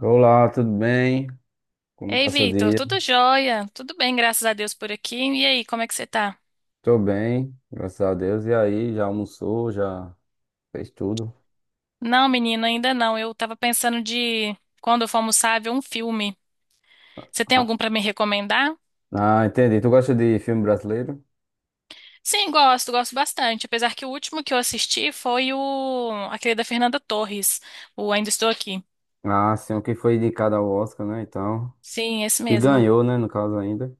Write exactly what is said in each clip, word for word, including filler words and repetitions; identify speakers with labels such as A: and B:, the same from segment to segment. A: Olá, tudo bem? Como tá
B: Ei,
A: seu
B: Vitor,
A: dia?
B: tudo jóia? Tudo bem, graças a Deus por aqui. E aí, como é que você tá?
A: Tô bem, graças a Deus. E aí, já almoçou, já fez tudo?
B: Não, menino, ainda não. Eu tava pensando de, Quando eu for almoçar, ver um filme. Você tem
A: Ah,
B: algum pra me recomendar?
A: ah, entendi. Tu gosta de filme brasileiro?
B: Sim, gosto, gosto bastante. Apesar que o último que eu assisti foi o aquele da Fernanda Torres, o Ainda Estou Aqui.
A: Ah, sim, o que foi indicado ao Oscar, né? Então,
B: Sim, esse
A: que
B: mesmo.
A: ganhou, né, no caso ainda.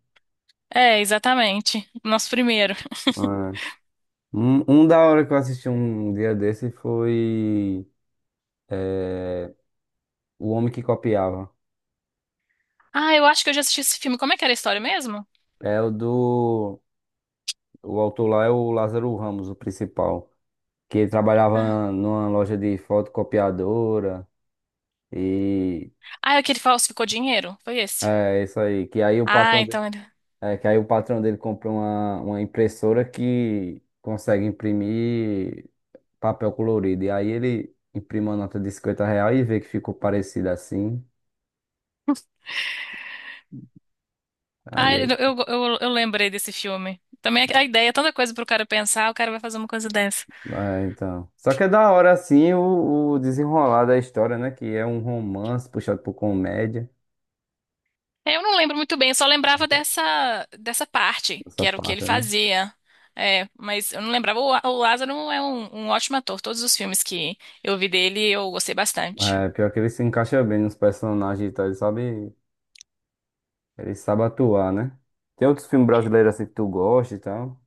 B: É, exatamente. O nosso primeiro.
A: Ah, Um, um da hora que eu assisti um dia desse foi O Homem que Copiava.
B: Ah, eu acho que eu já assisti esse filme. Como é que era a história mesmo?
A: É o do... O autor lá é o Lázaro Ramos, o principal, que ele
B: Ah,
A: trabalhava numa loja de fotocopiadora e...
B: ah é o que ele falsificou dinheiro? Foi esse?
A: É isso aí. Que aí o
B: Ah,
A: patrão dele,
B: então.
A: é, que aí o patrão dele comprou uma, uma impressora que consegue imprimir papel colorido. E aí ele imprime uma nota de cinquenta reais e vê que ficou parecido assim. Aí,
B: Ah,
A: é,
B: eu, eu, eu, eu lembrei desse filme. Também a ideia, é tanta coisa pro cara pensar, o cara vai fazer uma coisa dessa.
A: é, então. Só que é da hora assim o, o desenrolar da história, né? Que é um romance puxado por comédia.
B: É, eu não lembro muito bem, eu só lembrava dessa, dessa parte,
A: Essa
B: que era o que ele
A: parte, né?
B: fazia. É, mas eu não lembrava. O, o Lázaro é um, um ótimo ator. Todos os filmes que eu vi dele, eu gostei bastante.
A: É, pior que ele se encaixa bem nos personagens e tal. Ele sabe, ele sabe atuar, né? Tem outros filmes brasileiros assim que tu gosta e tal.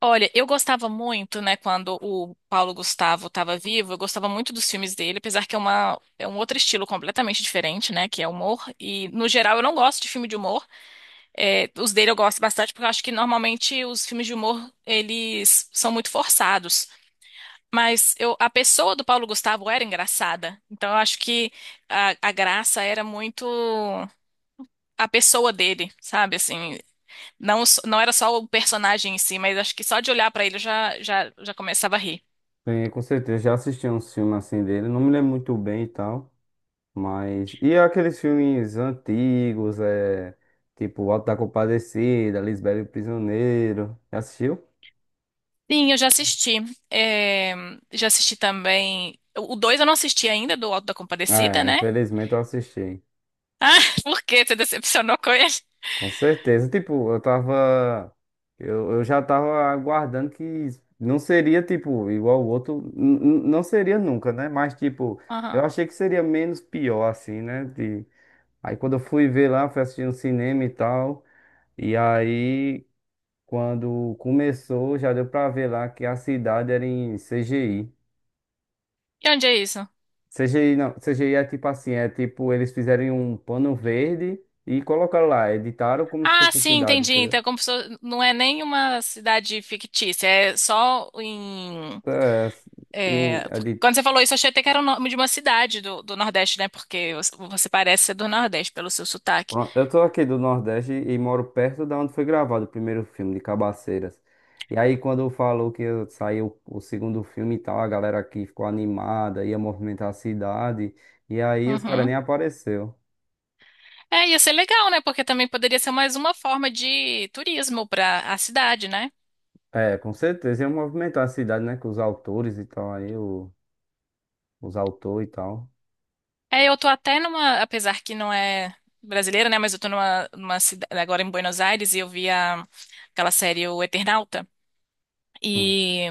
B: Olha, eu gostava muito, né, quando o Paulo Gustavo estava vivo, eu gostava muito dos filmes dele, apesar que é uma, é um outro estilo completamente diferente, né, que é humor. E, no geral, eu não gosto de filme de humor. É, os dele eu gosto bastante porque eu acho que normalmente os filmes de humor eles são muito forçados. Mas eu, a pessoa do Paulo Gustavo era engraçada. Então eu acho que a, a graça era muito a pessoa dele, sabe? Assim, não, s- não era só o personagem em si, mas acho que só de olhar pra ele eu já, já, já começava a rir.
A: Sim, com certeza. Já assisti uns filmes assim dele. Não me lembro muito bem e tal. Mas. E aqueles filmes antigos, é. Tipo, O Auto da Compadecida, Lisbela e o Prisioneiro. Já assistiu?
B: Sim, eu já assisti. É, já assisti também. O dois eu não assisti ainda, do Alto da Compadecida,
A: É,
B: né?
A: infelizmente eu assisti.
B: Ah, por quê? Você decepcionou com ele?
A: Com certeza. Tipo, eu tava. Eu, eu já tava aguardando que não seria, tipo, igual o outro. N- n- Não seria nunca, né? Mas, tipo, eu
B: Aham.
A: achei que seria menos pior, assim, né? De... Aí quando eu fui ver lá, fui assistir no cinema e tal. E aí, quando começou, já deu pra ver lá que a cidade era em C G I.
B: E onde é isso?
A: C G I não, C G I é tipo assim, é tipo, eles fizeram um pano verde e colocaram lá, editaram como se
B: Ah,
A: fosse uma
B: sim,
A: cidade,
B: entendi.
A: entendeu?
B: Então, é como se fosse- não é nem uma cidade fictícia, é só em.
A: É, assim, em-
B: É,
A: é
B: porque
A: de-
B: quando você falou isso, eu achei até que era o nome de uma cidade do, do Nordeste, né? Porque você você parece ser do Nordeste pelo seu sotaque.
A: pronto, eu tô aqui do Nordeste e moro perto da onde foi gravado o primeiro filme de Cabaceiras. E aí, quando falou que saiu o segundo filme e tal, a galera aqui ficou animada, ia movimentar a cidade. E aí, os caras
B: Uhum.
A: nem apareceu.
B: É, ia ser legal, né? Porque também poderia ser mais uma forma de turismo para a cidade, né?
A: É, com certeza ia movimentar a cidade, né? Com os autores e tal, aí, o, os autores e tal.
B: É, eu tô até numa, apesar que não é brasileira, né? Mas eu tô numa, numa cidade agora em Buenos Aires e eu vi a- aquela série O Eternauta.
A: Hum.
B: E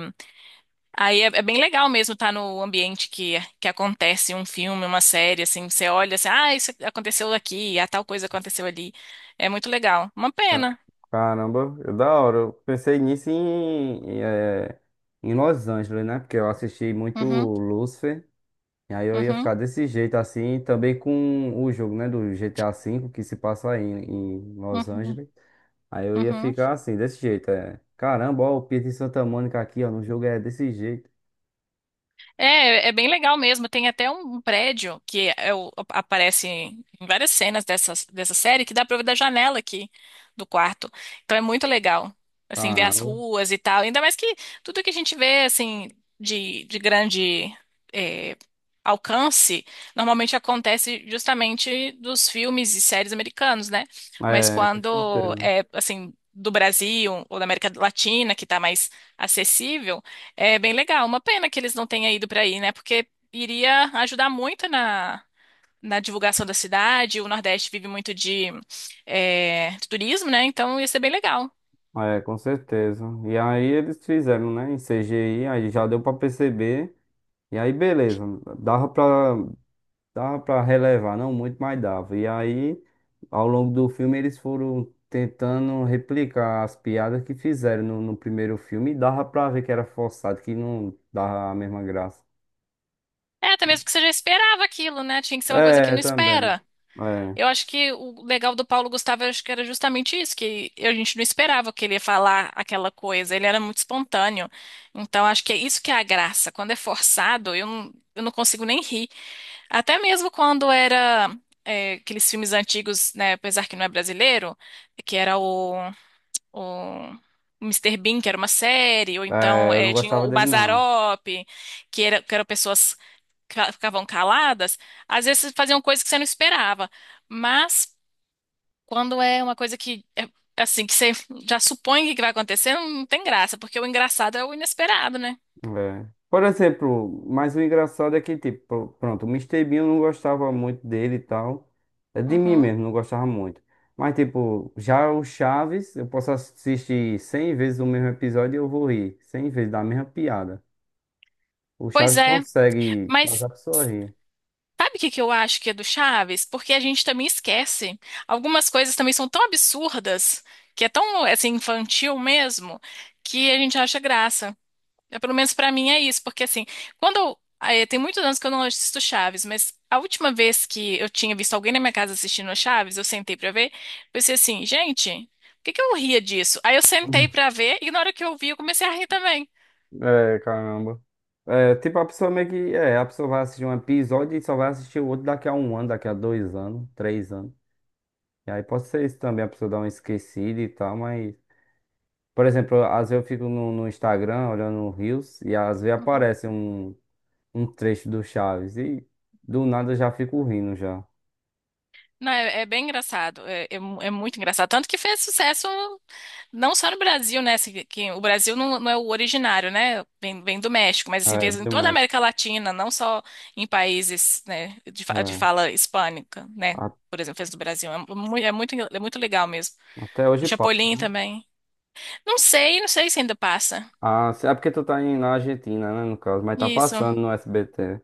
B: aí é, é bem legal mesmo estar no ambiente que, que acontece um filme, uma série, assim, você olha assim, ah, isso aconteceu aqui, ah, tal coisa aconteceu ali. É muito legal. Uma
A: Ca-
B: pena.
A: Caramba, é da hora. Eu pensei nisso em, em, eh, em Los Angeles, né? Porque eu assisti muito
B: Uhum,
A: Lucifer. E aí eu ia
B: uhum,
A: ficar desse jeito assim, e também com o jogo, né? Do G T A cinco que se passa aí em, em Los
B: uhum,
A: Angeles. Aí eu ia
B: uhum.
A: ficar assim, desse jeito. É. Caramba, ó, o Pietro em Santa Mônica aqui, ó. No jogo é desse jeito.
B: É, é bem legal mesmo. Tem até um prédio que é o- aparece em várias cenas dessa dessa série que dá pra ver da janela aqui do quarto. Então é muito legal, assim, ver as
A: Caramba.
B: ruas e tal. Ainda mais que tudo que a gente vê, assim, de, de grande é, alcance, normalmente acontece justamente dos filmes e séries americanos, né? Mas
A: É, com
B: quando
A: certeza.
B: é, assim, do Brasil ou da América Latina, que tá mais acessível, é bem legal. Uma pena que eles não tenham ido para aí, né? Porque iria ajudar muito na, na divulgação da cidade. O Nordeste vive muito de, é, de turismo, né? Então ia ser bem legal.
A: É, com certeza. E aí eles fizeram, né, em C G I, aí já deu pra perceber. E aí beleza, dava pra dava para relevar, não muito, mas dava. E aí ao longo do filme eles foram tentando replicar as piadas que fizeram no, no primeiro filme e dava pra ver que era forçado, que não dava a mesma graça.
B: É, até mesmo que você já esperava aquilo, né? Tinha que ser uma coisa que
A: É,
B: não
A: também.
B: espera. Eu acho que o legal do Paulo Gustavo, eu acho que era justamente isso, que a gente não esperava que ele ia falar aquela coisa. Ele era muito espontâneo. Então, acho que é isso que é a graça. Quando é forçado, eu não, eu não consigo nem rir. Até mesmo quando era é, aqueles filmes antigos, né, apesar que não é brasileiro, que era o, o Mister Bean, que era uma série, ou
A: É,
B: então
A: é, eu não
B: é, tinha
A: gostava
B: o
A: dele não.
B: Mazzaropi, que, era, que eram pessoas que fa- ficavam caladas, às vezes faziam coisas que você não esperava. Mas quando é uma coisa que é, assim, que você já supõe que vai acontecer, não tem graça, porque o engraçado é o inesperado, né?
A: É. Por exemplo, mas o engraçado é que, tipo, pronto, o míster Bean eu não gostava muito dele e tal. É de mim
B: Uhum.
A: mesmo, não gostava muito. Mas, tipo, já o Chaves, eu posso assistir cem vezes o mesmo episódio e eu vou rir. Cem vezes da mesma piada. O
B: Pois
A: Chaves
B: é,
A: consegue fazer
B: mas
A: a pessoa rir.
B: sabe o que que eu acho que é do Chaves? Porque a gente também esquece. Algumas coisas também são tão absurdas, que é tão assim infantil mesmo, que a gente acha graça. É, pelo menos pra mim é isso, porque assim, quando eu, eh, tem muitos anos que eu não assisto Chaves, mas a última vez que eu tinha visto alguém na minha casa assistindo a Chaves, eu sentei pra ver, pensei assim, gente, por que que eu ria disso? Aí eu sentei pra ver e na hora que eu vi, eu comecei a rir também.
A: É, caramba. É, tipo, a pessoa meio que. É, a pessoa vai assistir um episódio e só vai assistir o outro daqui a um ano, daqui a dois anos, três anos. E aí pode ser isso também, a pessoa dá uma esquecida e tal, mas. Por exemplo, às vezes eu fico no, no Instagram olhando o Reels e às vezes
B: Uhum.
A: aparece um, um trecho do Chaves e do nada eu já fico rindo já.
B: Não, é, é bem engraçado, é, é mu- é muito engraçado. Tanto que fez sucesso não só no Brasil, né? se- Que, o Brasil não, não é o originário, né? Vem, vem do México, mas assim,
A: É,
B: fez em
A: viu,
B: toda a
A: mas
B: América Latina, não só em países, né, de, fa- de
A: é,
B: fala hispânica, né?
A: a-
B: Por exemplo, fez do Brasil. É, mu- é muito, é muito legal mesmo.
A: até
B: O
A: hoje passa,
B: Chapolin
A: né?
B: também. Não sei, não sei se ainda passa.
A: Ah, se- é porque tu tá em, na Argentina, né, no caso, mas tá
B: Isso.
A: passando no S B T.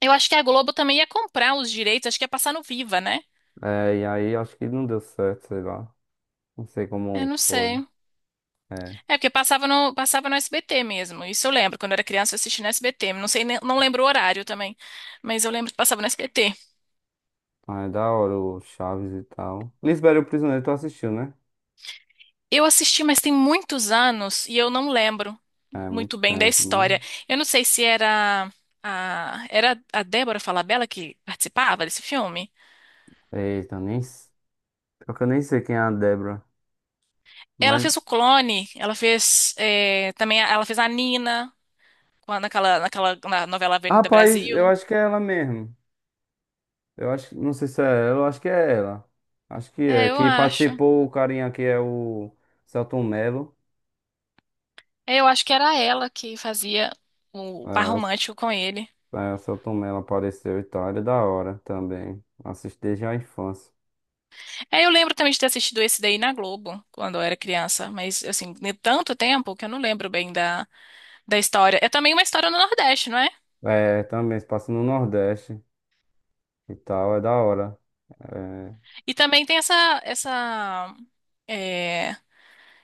B: Eu acho que a Globo também ia comprar os direitos, acho que ia passar no Viva, né?
A: É, e aí acho que não deu certo, sei lá. Não sei
B: Eu
A: como
B: não
A: foi.
B: sei.
A: É,
B: É, porque passava no, passava no S B T mesmo. Isso eu lembro. Quando eu era criança, eu assisti no S B T. Não sei, nem- não lembro o horário também. Mas eu lembro que passava no S B T.
A: mas é da hora o Chaves e tal. Lisbela e o Prisioneiro tu assistiu, né?
B: Eu assisti, mas tem muitos anos e eu não lembro
A: É, muito
B: muito bem da
A: tempo, né?
B: história. Eu não sei se era a, era a Débora Falabella que participava desse filme.
A: Eita, nem... s- Pior que eu nem sei quem é a Débora.
B: Ela
A: Mas
B: fez O Clone, ela fez é, também, a- ela fez a Nina com- naquela, naquela na novela Avenida
A: rapaz, eu
B: Brasil.
A: acho que é ela mesmo. Eu acho, não sei se é ela, eu acho que é ela. Acho que
B: É,
A: é.
B: eu
A: Que
B: acho.
A: participou o carinha aqui é o Celton Mello.
B: É, eu acho que era ela que fazia o, o
A: É,
B: par
A: o,
B: romântico com ele.
A: é, o Selton Mello apareceu e tal. Ele é da hora também. Assisti desde a infância.
B: É, eu lembro também de ter assistido esse daí na Globo quando eu era criança, mas assim, de tanto tempo que eu não lembro bem da, da história. É também uma história no Nordeste, não é?
A: É, também se passa no Nordeste e tal, é da hora.
B: E também tem essa essa é,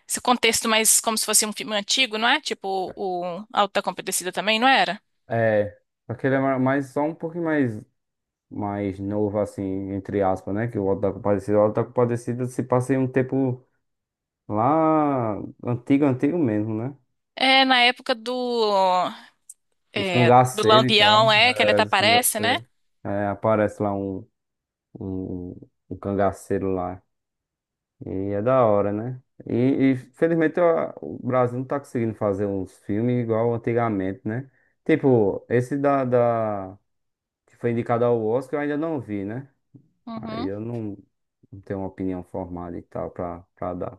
B: esse contexto mais como se fosse um filme antigo, não é? Tipo o Auto da Compadecida também, não era?
A: É, é. Só que ele é ma- mais, só um pouquinho mais, mais novo, assim, entre aspas, né? Que o Auto da Compadecida. O Auto da Compadecida se passa em um tempo lá antigo, antigo mesmo, né?
B: É, na época do,
A: Dos
B: é, do
A: cangaceiros e
B: Lampião,
A: tal.
B: é, que ele
A: É,
B: até
A: dos
B: aparece, né?
A: cangaceiros. É, aparece lá um, um, um cangaceiro lá. E é da hora, né? E, e, felizmente ó, o Brasil não tá conseguindo fazer uns filmes igual antigamente, né? Tipo, esse da, da- que foi indicado ao Oscar eu ainda não vi, né? Aí
B: Uhum.
A: eu não, não tenho uma opinião formada e tal pra, pra dar.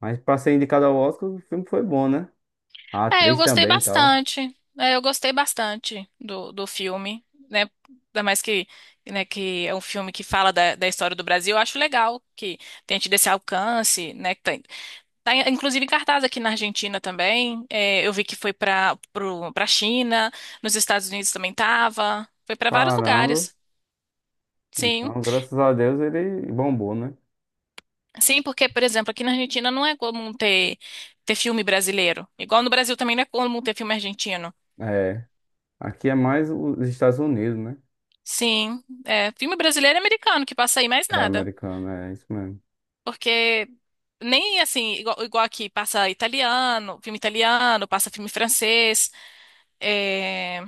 A: Mas pra ser indicado ao Oscar, o filme foi bom, né? A
B: É, eu
A: atriz
B: gostei
A: também e tal.
B: bastante. É, eu gostei bastante do, do filme, né? Ainda mais que, né, que é um filme que fala da, da história do Brasil. Eu acho legal que tenha tido esse alcance, né? que Tá, tá, inclusive em cartaz aqui na Argentina também. É, eu vi que foi para para China, nos Estados Unidos também tava. Foi para vários
A: Caramba.
B: lugares. Sim.
A: Então, graças a Deus ele bombou, né?
B: Sim, porque, por exemplo, aqui na Argentina não é comum ter, ter filme brasileiro. Igual no Brasil também não é comum ter filme argentino.
A: É, aqui é mais os Estados Unidos, né?
B: Sim, é, filme brasileiro e americano que passa aí mais
A: É
B: nada.
A: americano, é isso mesmo.
B: Porque nem assim, igual, igual aqui, passa italiano, filme italiano, passa filme francês. É,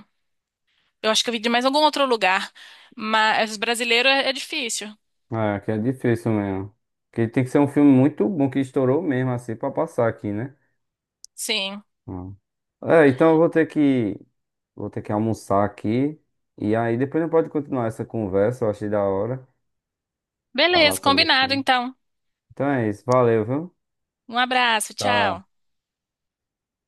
B: eu acho que eu vi de mais algum outro lugar. Mas brasileiro é é difícil.
A: É, aqui é difícil mesmo. Porque tem que ser um filme muito bom que estourou mesmo, assim, pra passar aqui, né?
B: Sim.
A: Hum. É, então eu vou ter que, vou ter que almoçar aqui. E aí depois a gente pode continuar essa conversa, eu achei da hora falar
B: Beleza,
A: sobre o
B: combinado
A: filme.
B: então.
A: Então é isso, valeu, viu?
B: Um abraço, tchau.
A: Tchau.